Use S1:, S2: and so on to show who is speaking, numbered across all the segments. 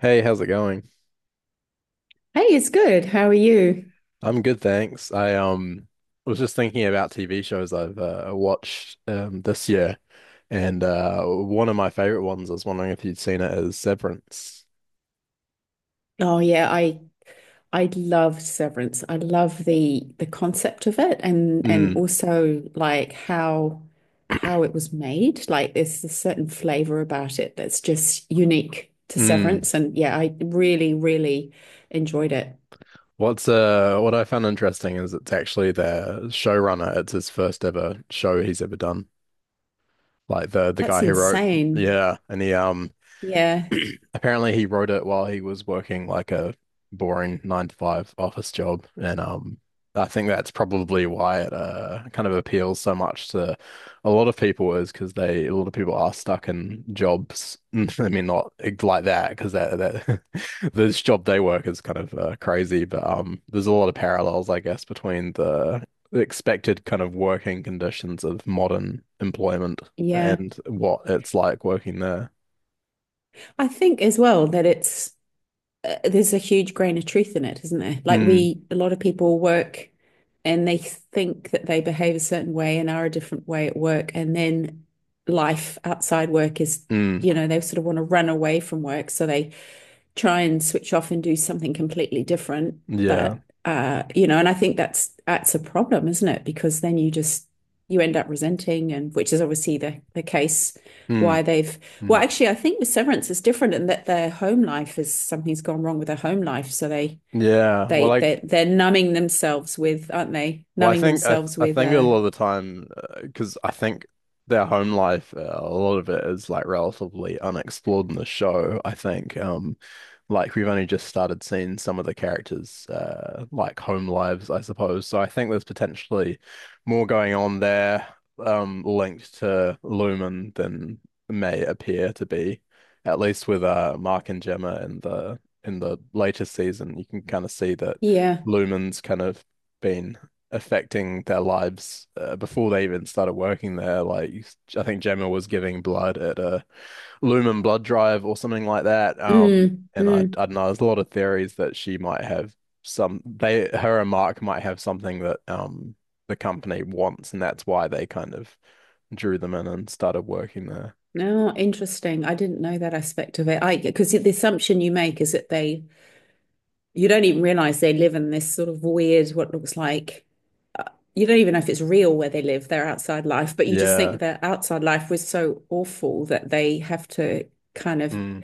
S1: Hey, how's it going?
S2: Hey, it's good. How are you?
S1: I'm good, thanks. I was just thinking about TV shows I've watched this year, and one of my favorite ones, I was wondering if you'd seen it, is Severance.
S2: Oh yeah, I love Severance. I love the concept of it and
S1: Mm,
S2: also like how it was made. Like there's a certain flavor about it that's just unique to
S1: mm.
S2: Severance. And yeah, I really, really enjoyed it.
S1: What's what I found interesting is it's actually the showrunner. It's his first ever show he's ever done. Like the
S2: That's
S1: guy who wrote,
S2: insane.
S1: yeah, and he
S2: Yeah.
S1: apparently he wrote it while he was working like a boring nine to five office job. And I think that's probably why it kind of appeals so much to a lot of people is because they a lot of people are stuck in jobs. I mean not like that because that this job they work is kind of crazy, but there's a lot of parallels I guess between the expected kind of working conditions of modern employment
S2: Yeah.
S1: and what it's like working there.
S2: I think as well that it's there's a huge grain of truth in it, isn't there? Like
S1: Mm,
S2: we, a lot of people work and they think that they behave a certain way and are a different way at work, and then life outside work is,
S1: mm.
S2: you know, they sort of want to run away from work, so they try and switch off and do something completely different.
S1: Yeah.
S2: But you know, and I think that's a problem, isn't it? Because then you just you end up resenting, and which is obviously the case
S1: Mm,
S2: why they've well,
S1: mm.
S2: actually, I think with Severance is different in that their home life is something's gone wrong with their home life, so they
S1: Yeah. Well,
S2: they
S1: I
S2: they they're numbing themselves with, aren't they?
S1: Well, I
S2: Numbing
S1: think I, th
S2: themselves
S1: I
S2: with
S1: think a lot of the time, because I think their home life, a lot of it is like relatively unexplored in the show. I think, like we've only just started seeing some of the characters, like home lives, I suppose. So I think there's potentially more going on there, linked to Lumen than may appear to be, at least with Mark and Gemma in the later season. You can kind of see that
S2: yeah.
S1: Lumen's kind of been affecting their lives before they even started working there. Like I think Gemma was giving blood at a Lumen blood drive or something like that. Um,
S2: Mm,
S1: and I
S2: mm.
S1: don't know. There's a lot of theories that she might have some. They her and Mark might have something that the company wants, and that's why they kind of drew them in and started working there.
S2: No, interesting. I didn't know that aspect of it. I because the assumption you make is that they you don't even realize they live in this sort of weird, what looks like, you don't even know if it's real where they live, their outside life, but you just
S1: Yeah.
S2: think their outside life was so awful that they have to kind of
S1: Mm.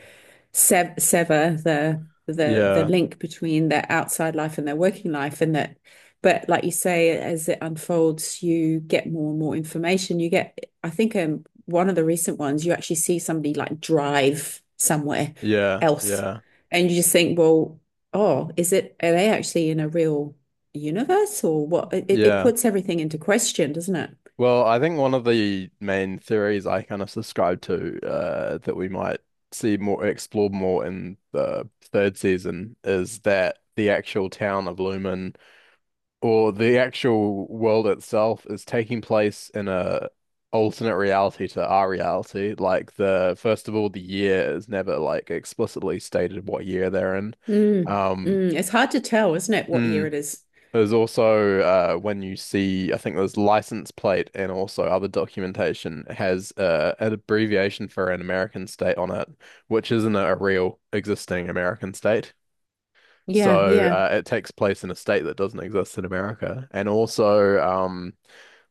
S2: sever the
S1: Yeah.
S2: link between their outside life and their working life, and that but like you say, as it unfolds you get more and more information. You get, I think one of the recent ones you actually see somebody like drive somewhere
S1: Yeah.
S2: else
S1: Yeah.
S2: and you just think, well, oh, is it, are they actually in a real universe? Or what, it
S1: Yeah.
S2: puts everything into question, doesn't it?
S1: Well, I think one of the main theories I kind of subscribe to, that we might see more explored more in the third season, is that the actual town of Lumen or the actual world itself is taking place in a alternate reality to our reality. Like the first of all, the year is never like explicitly stated what year they're in.
S2: Mm,
S1: Um,
S2: mm, it's hard to tell, isn't it, what year
S1: mm.
S2: it is.
S1: There's also, when you see, I think there's license plate and also other documentation has an abbreviation for an American state on it, which isn't a real existing American state.
S2: Yeah,
S1: So
S2: yeah.
S1: it takes place in a state that doesn't exist in America. And also,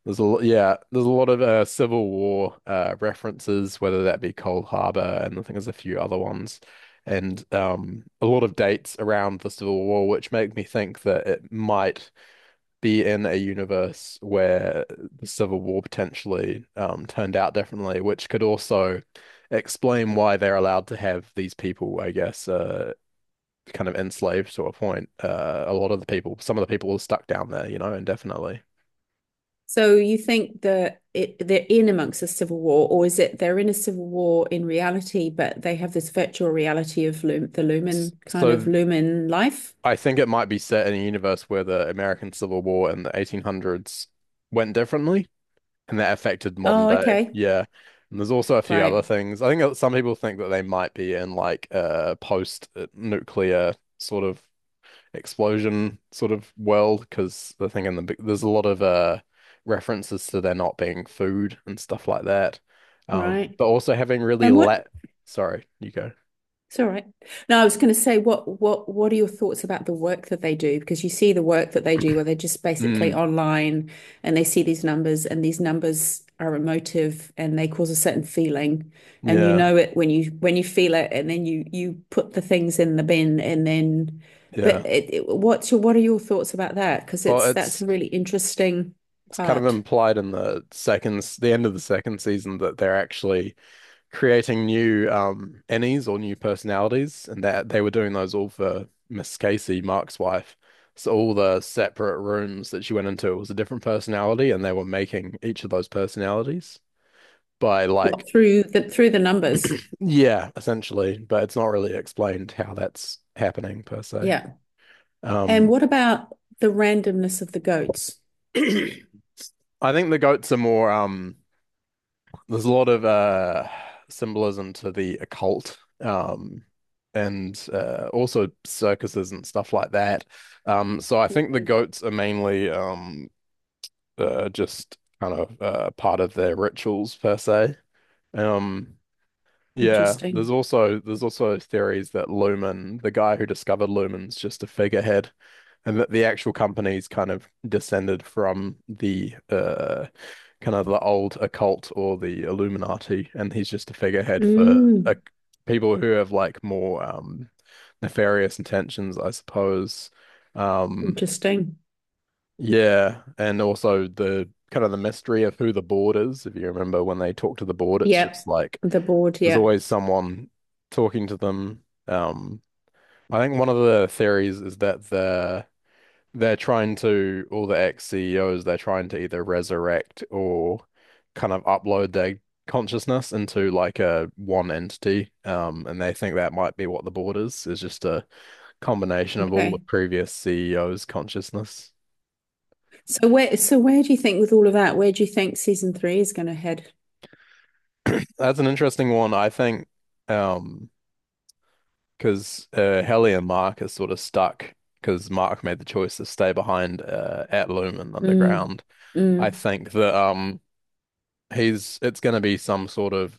S1: there's yeah, there's a lot of Civil War references, whether that be Cold Harbor, and I think there's a few other ones and, a lot of dates around the Civil War, which make me think that it might be in a universe where the Civil War potentially, turned out differently, which could also explain why they're allowed to have these people, I guess, kind of enslaved to a point. A lot of the people, some of the people are stuck down there, indefinitely.
S2: So you think that it, they're in amongst a civil war, or is it they're in a civil war in reality, but they have this virtual reality of Lum, the
S1: S-
S2: Lumen kind of
S1: So
S2: Lumen life?
S1: I think it might be set in a universe where the American Civil War in the 1800s went differently. And that affected modern
S2: Oh,
S1: day.
S2: okay,
S1: Yeah. And there's also a few other
S2: right,
S1: things. I think that some people think that they might be in like a post-nuclear sort of explosion sort of world, because the thing in the big, there's a lot of references to there not being food and stuff like that.
S2: right.
S1: But also having really
S2: And what
S1: let, sorry, you go.
S2: it's all right. No, I was going to say, what are your thoughts about the work that they do? Because you see the work that they do, where they're just basically
S1: Mm,
S2: online and they see these numbers, and these numbers are emotive and they cause a certain feeling, and you
S1: yeah,
S2: know it when you feel it, and then you put the things in the bin, and then, but
S1: yeah.
S2: it, what's your, what are your thoughts about that? Because
S1: Well,
S2: it's that's a
S1: it's
S2: really interesting
S1: it's kind of
S2: part.
S1: implied in the second, the end of the second season, that they're actually creating new Annies or new personalities, and that they were doing those all for Miss Casey, Mark's wife. So all the separate rooms that she went into was a different personality, and they were making each of those personalities by like,
S2: What, through the numbers,
S1: yeah, essentially, but it's not really explained how that's happening per se.
S2: yeah. And
S1: Um
S2: what about the randomness of the goats?
S1: I think the goats are more. There's a lot of symbolism to the occult, and also circuses and stuff like that, so I think the goats are mainly, just kind of part of their rituals per se. um yeah, there's
S2: Interesting.
S1: also theories that Lumen, the guy who discovered Lumen's just a figurehead, and that the actual company's kind of descended from the, kind of the old occult or the Illuminati, and he's just a figurehead for, uh,
S2: Mm,
S1: people who have like more nefarious intentions, I suppose. Um
S2: interesting.
S1: yeah, and also the kind of the mystery of who the board is. If you remember when they talk to the board, it's just
S2: Yep.
S1: like
S2: The board,
S1: there's
S2: yeah.
S1: always someone talking to them. I think one of the theories is that they're trying to all the ex-CEOs, they're trying to either resurrect or kind of upload their consciousness into like a one entity. And they think that might be what the board is just a combination of all the
S2: Okay.
S1: previous CEOs' consciousness.
S2: So where, where do you think with all of that, where do you think season three is going to head?
S1: That's an interesting one. I think, um because, Helly and Mark are sort of stuck because Mark made the choice to stay behind, at Lumen
S2: Mm,
S1: Underground. I
S2: mm,
S1: think that he's it's going to be some sort of,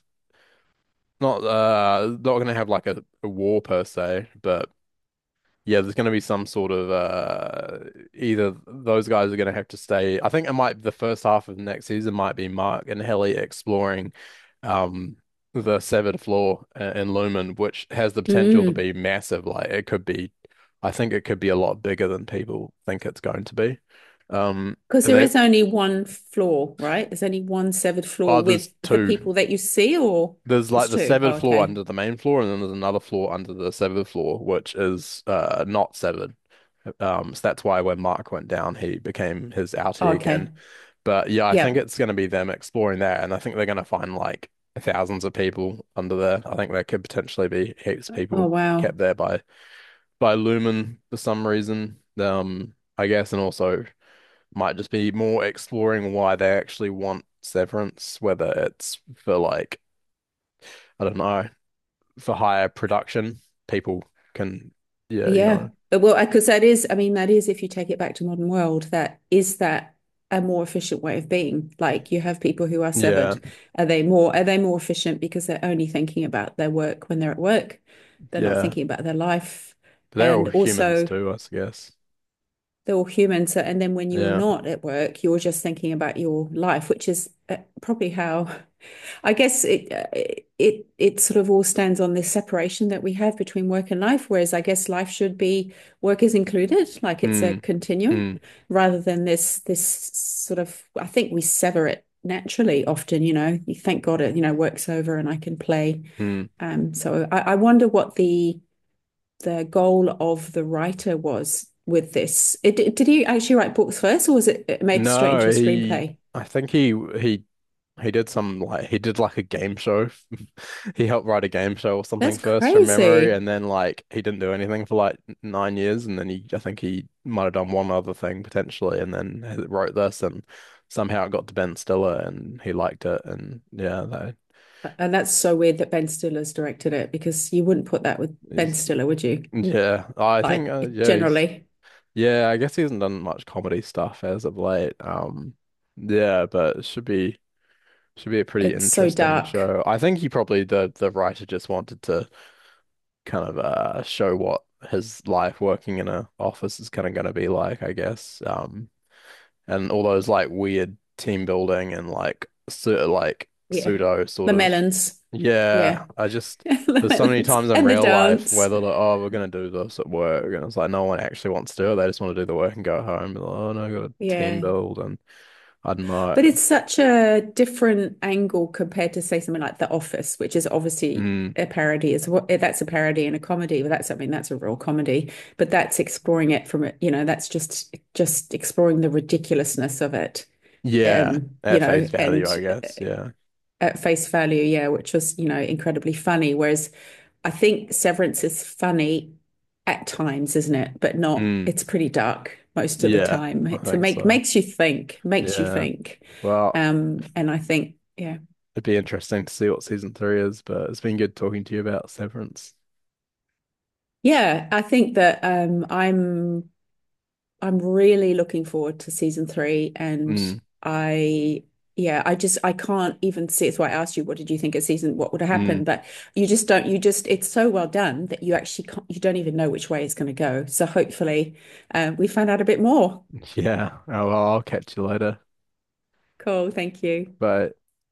S1: not going to have like a war per se, but yeah, there's going to be some sort of, either those guys are going to have to stay. I think it might the first half of next season might be Mark and Helly exploring, um, the severed floor in Lumen, which has the potential to
S2: mm.
S1: be massive. Like I think it could be a lot bigger than people think it's going to be. Um,
S2: Because
S1: and
S2: there
S1: then,
S2: is only one floor, right? There's only one severed
S1: oh,
S2: floor
S1: there's
S2: with the
S1: two.
S2: people that you see, or
S1: There's
S2: there's
S1: like the
S2: two. Oh,
S1: severed floor
S2: okay.
S1: under the main floor, and then there's another floor under the severed floor, which is not severed. So that's why when Mark went down, he became his
S2: Oh,
S1: outie
S2: okay.
S1: again. But yeah, I think
S2: Yep.
S1: it's going to be them exploring that, and I think they're going to find like thousands of people under there. I think there could potentially be heaps of
S2: Oh,
S1: people kept
S2: wow.
S1: there by Lumen for some reason. I guess, and also might just be more exploring why they actually want Severance, whether it's for like, I don't know, for higher production, people can, yeah,
S2: Yeah. Well, because that is, I mean, that is, if you take it back to modern world, that is that a more efficient way of being. Like you have people who are
S1: yeah,
S2: severed. Are they more efficient because they're only thinking about their work when they're at work? They're not
S1: yeah.
S2: thinking about their life.
S1: But they're all
S2: And
S1: humans
S2: also,
S1: too, I guess.
S2: they're all human. So, and then when you're
S1: Yeah.
S2: not at work, you're just thinking about your life, which is probably how I guess it it it sort of all stands on this separation that we have between work and life, whereas I guess life should be work is included, like it's a
S1: Hmm.
S2: continuum,
S1: Hmm.
S2: rather than this sort of, I think we sever it naturally often, you know, you thank God it, you know, work's over and I can play.
S1: Hmm.
S2: So I wonder what the goal of the writer was with this. It, did he actually write books first, or was it made straight into
S1: No,
S2: a
S1: he.
S2: screenplay?
S1: I think he he did like a game show. He helped write a game show or something
S2: That's
S1: first from memory,
S2: crazy.
S1: and then like he didn't do anything for like 9 years, and then he I think he might have done one other thing potentially, and then he wrote this, and somehow it got to Ben Stiller, and he liked it, and yeah, that
S2: And that's so weird that Ben Stiller's directed it because you wouldn't put that with Ben
S1: is,
S2: Stiller, would you?
S1: yeah. I think,
S2: Like,
S1: yeah, he's.
S2: generally,
S1: Yeah, I guess he hasn't done much comedy stuff as of late. Yeah, but it should be a pretty
S2: it's so
S1: interesting
S2: dark.
S1: show. I think he probably the writer just wanted to kind of show what his life working in a office is kind of going to be like, I guess. And all those like weird team building and like sort of like
S2: Yeah.
S1: pseudo sort
S2: The
S1: of,
S2: melons.
S1: yeah,
S2: Yeah.
S1: I just, there's so many times in
S2: And the
S1: real life where
S2: dance.
S1: they're like, oh, we're gonna do this at work, and it's like no one actually wants to do it, they just want to do the work and go home, they, oh no, I got a team
S2: Yeah.
S1: build, and I don't know.
S2: But it's such a different angle compared to, say, something like The Office, which is obviously
S1: Mm,
S2: a parody. Is what that's a parody and a comedy. Well, that's, I mean, that's a real comedy, but that's exploring it from it, you know, that's just exploring the ridiculousness of it.
S1: yeah,
S2: You
S1: at face
S2: know,
S1: value
S2: and
S1: I guess. Yeah.
S2: at face value, yeah, which was, you know, incredibly funny. Whereas I think Severance is funny at times, isn't it? But not,
S1: Mm,
S2: it's pretty dark most of the
S1: yeah,
S2: time.
S1: I
S2: It so
S1: think
S2: make,
S1: so.
S2: makes you think, makes you
S1: Yeah.
S2: think.
S1: Well,
S2: And I think, yeah.
S1: it'd be interesting to see what season three is, but it's been good talking to you about Severance.
S2: Yeah, I think that I'm really looking forward to season three, and
S1: Mm,
S2: I yeah, I just I can't even see. It's why I asked you, what did you think of season? What would have happened?
S1: mm.
S2: But you just don't. You just it's so well done that you actually can't, you don't even know which way it's going to go. So hopefully, we find out a bit more.
S1: Yeah. Oh, well, I'll catch you later.
S2: Cool. Thank you.
S1: But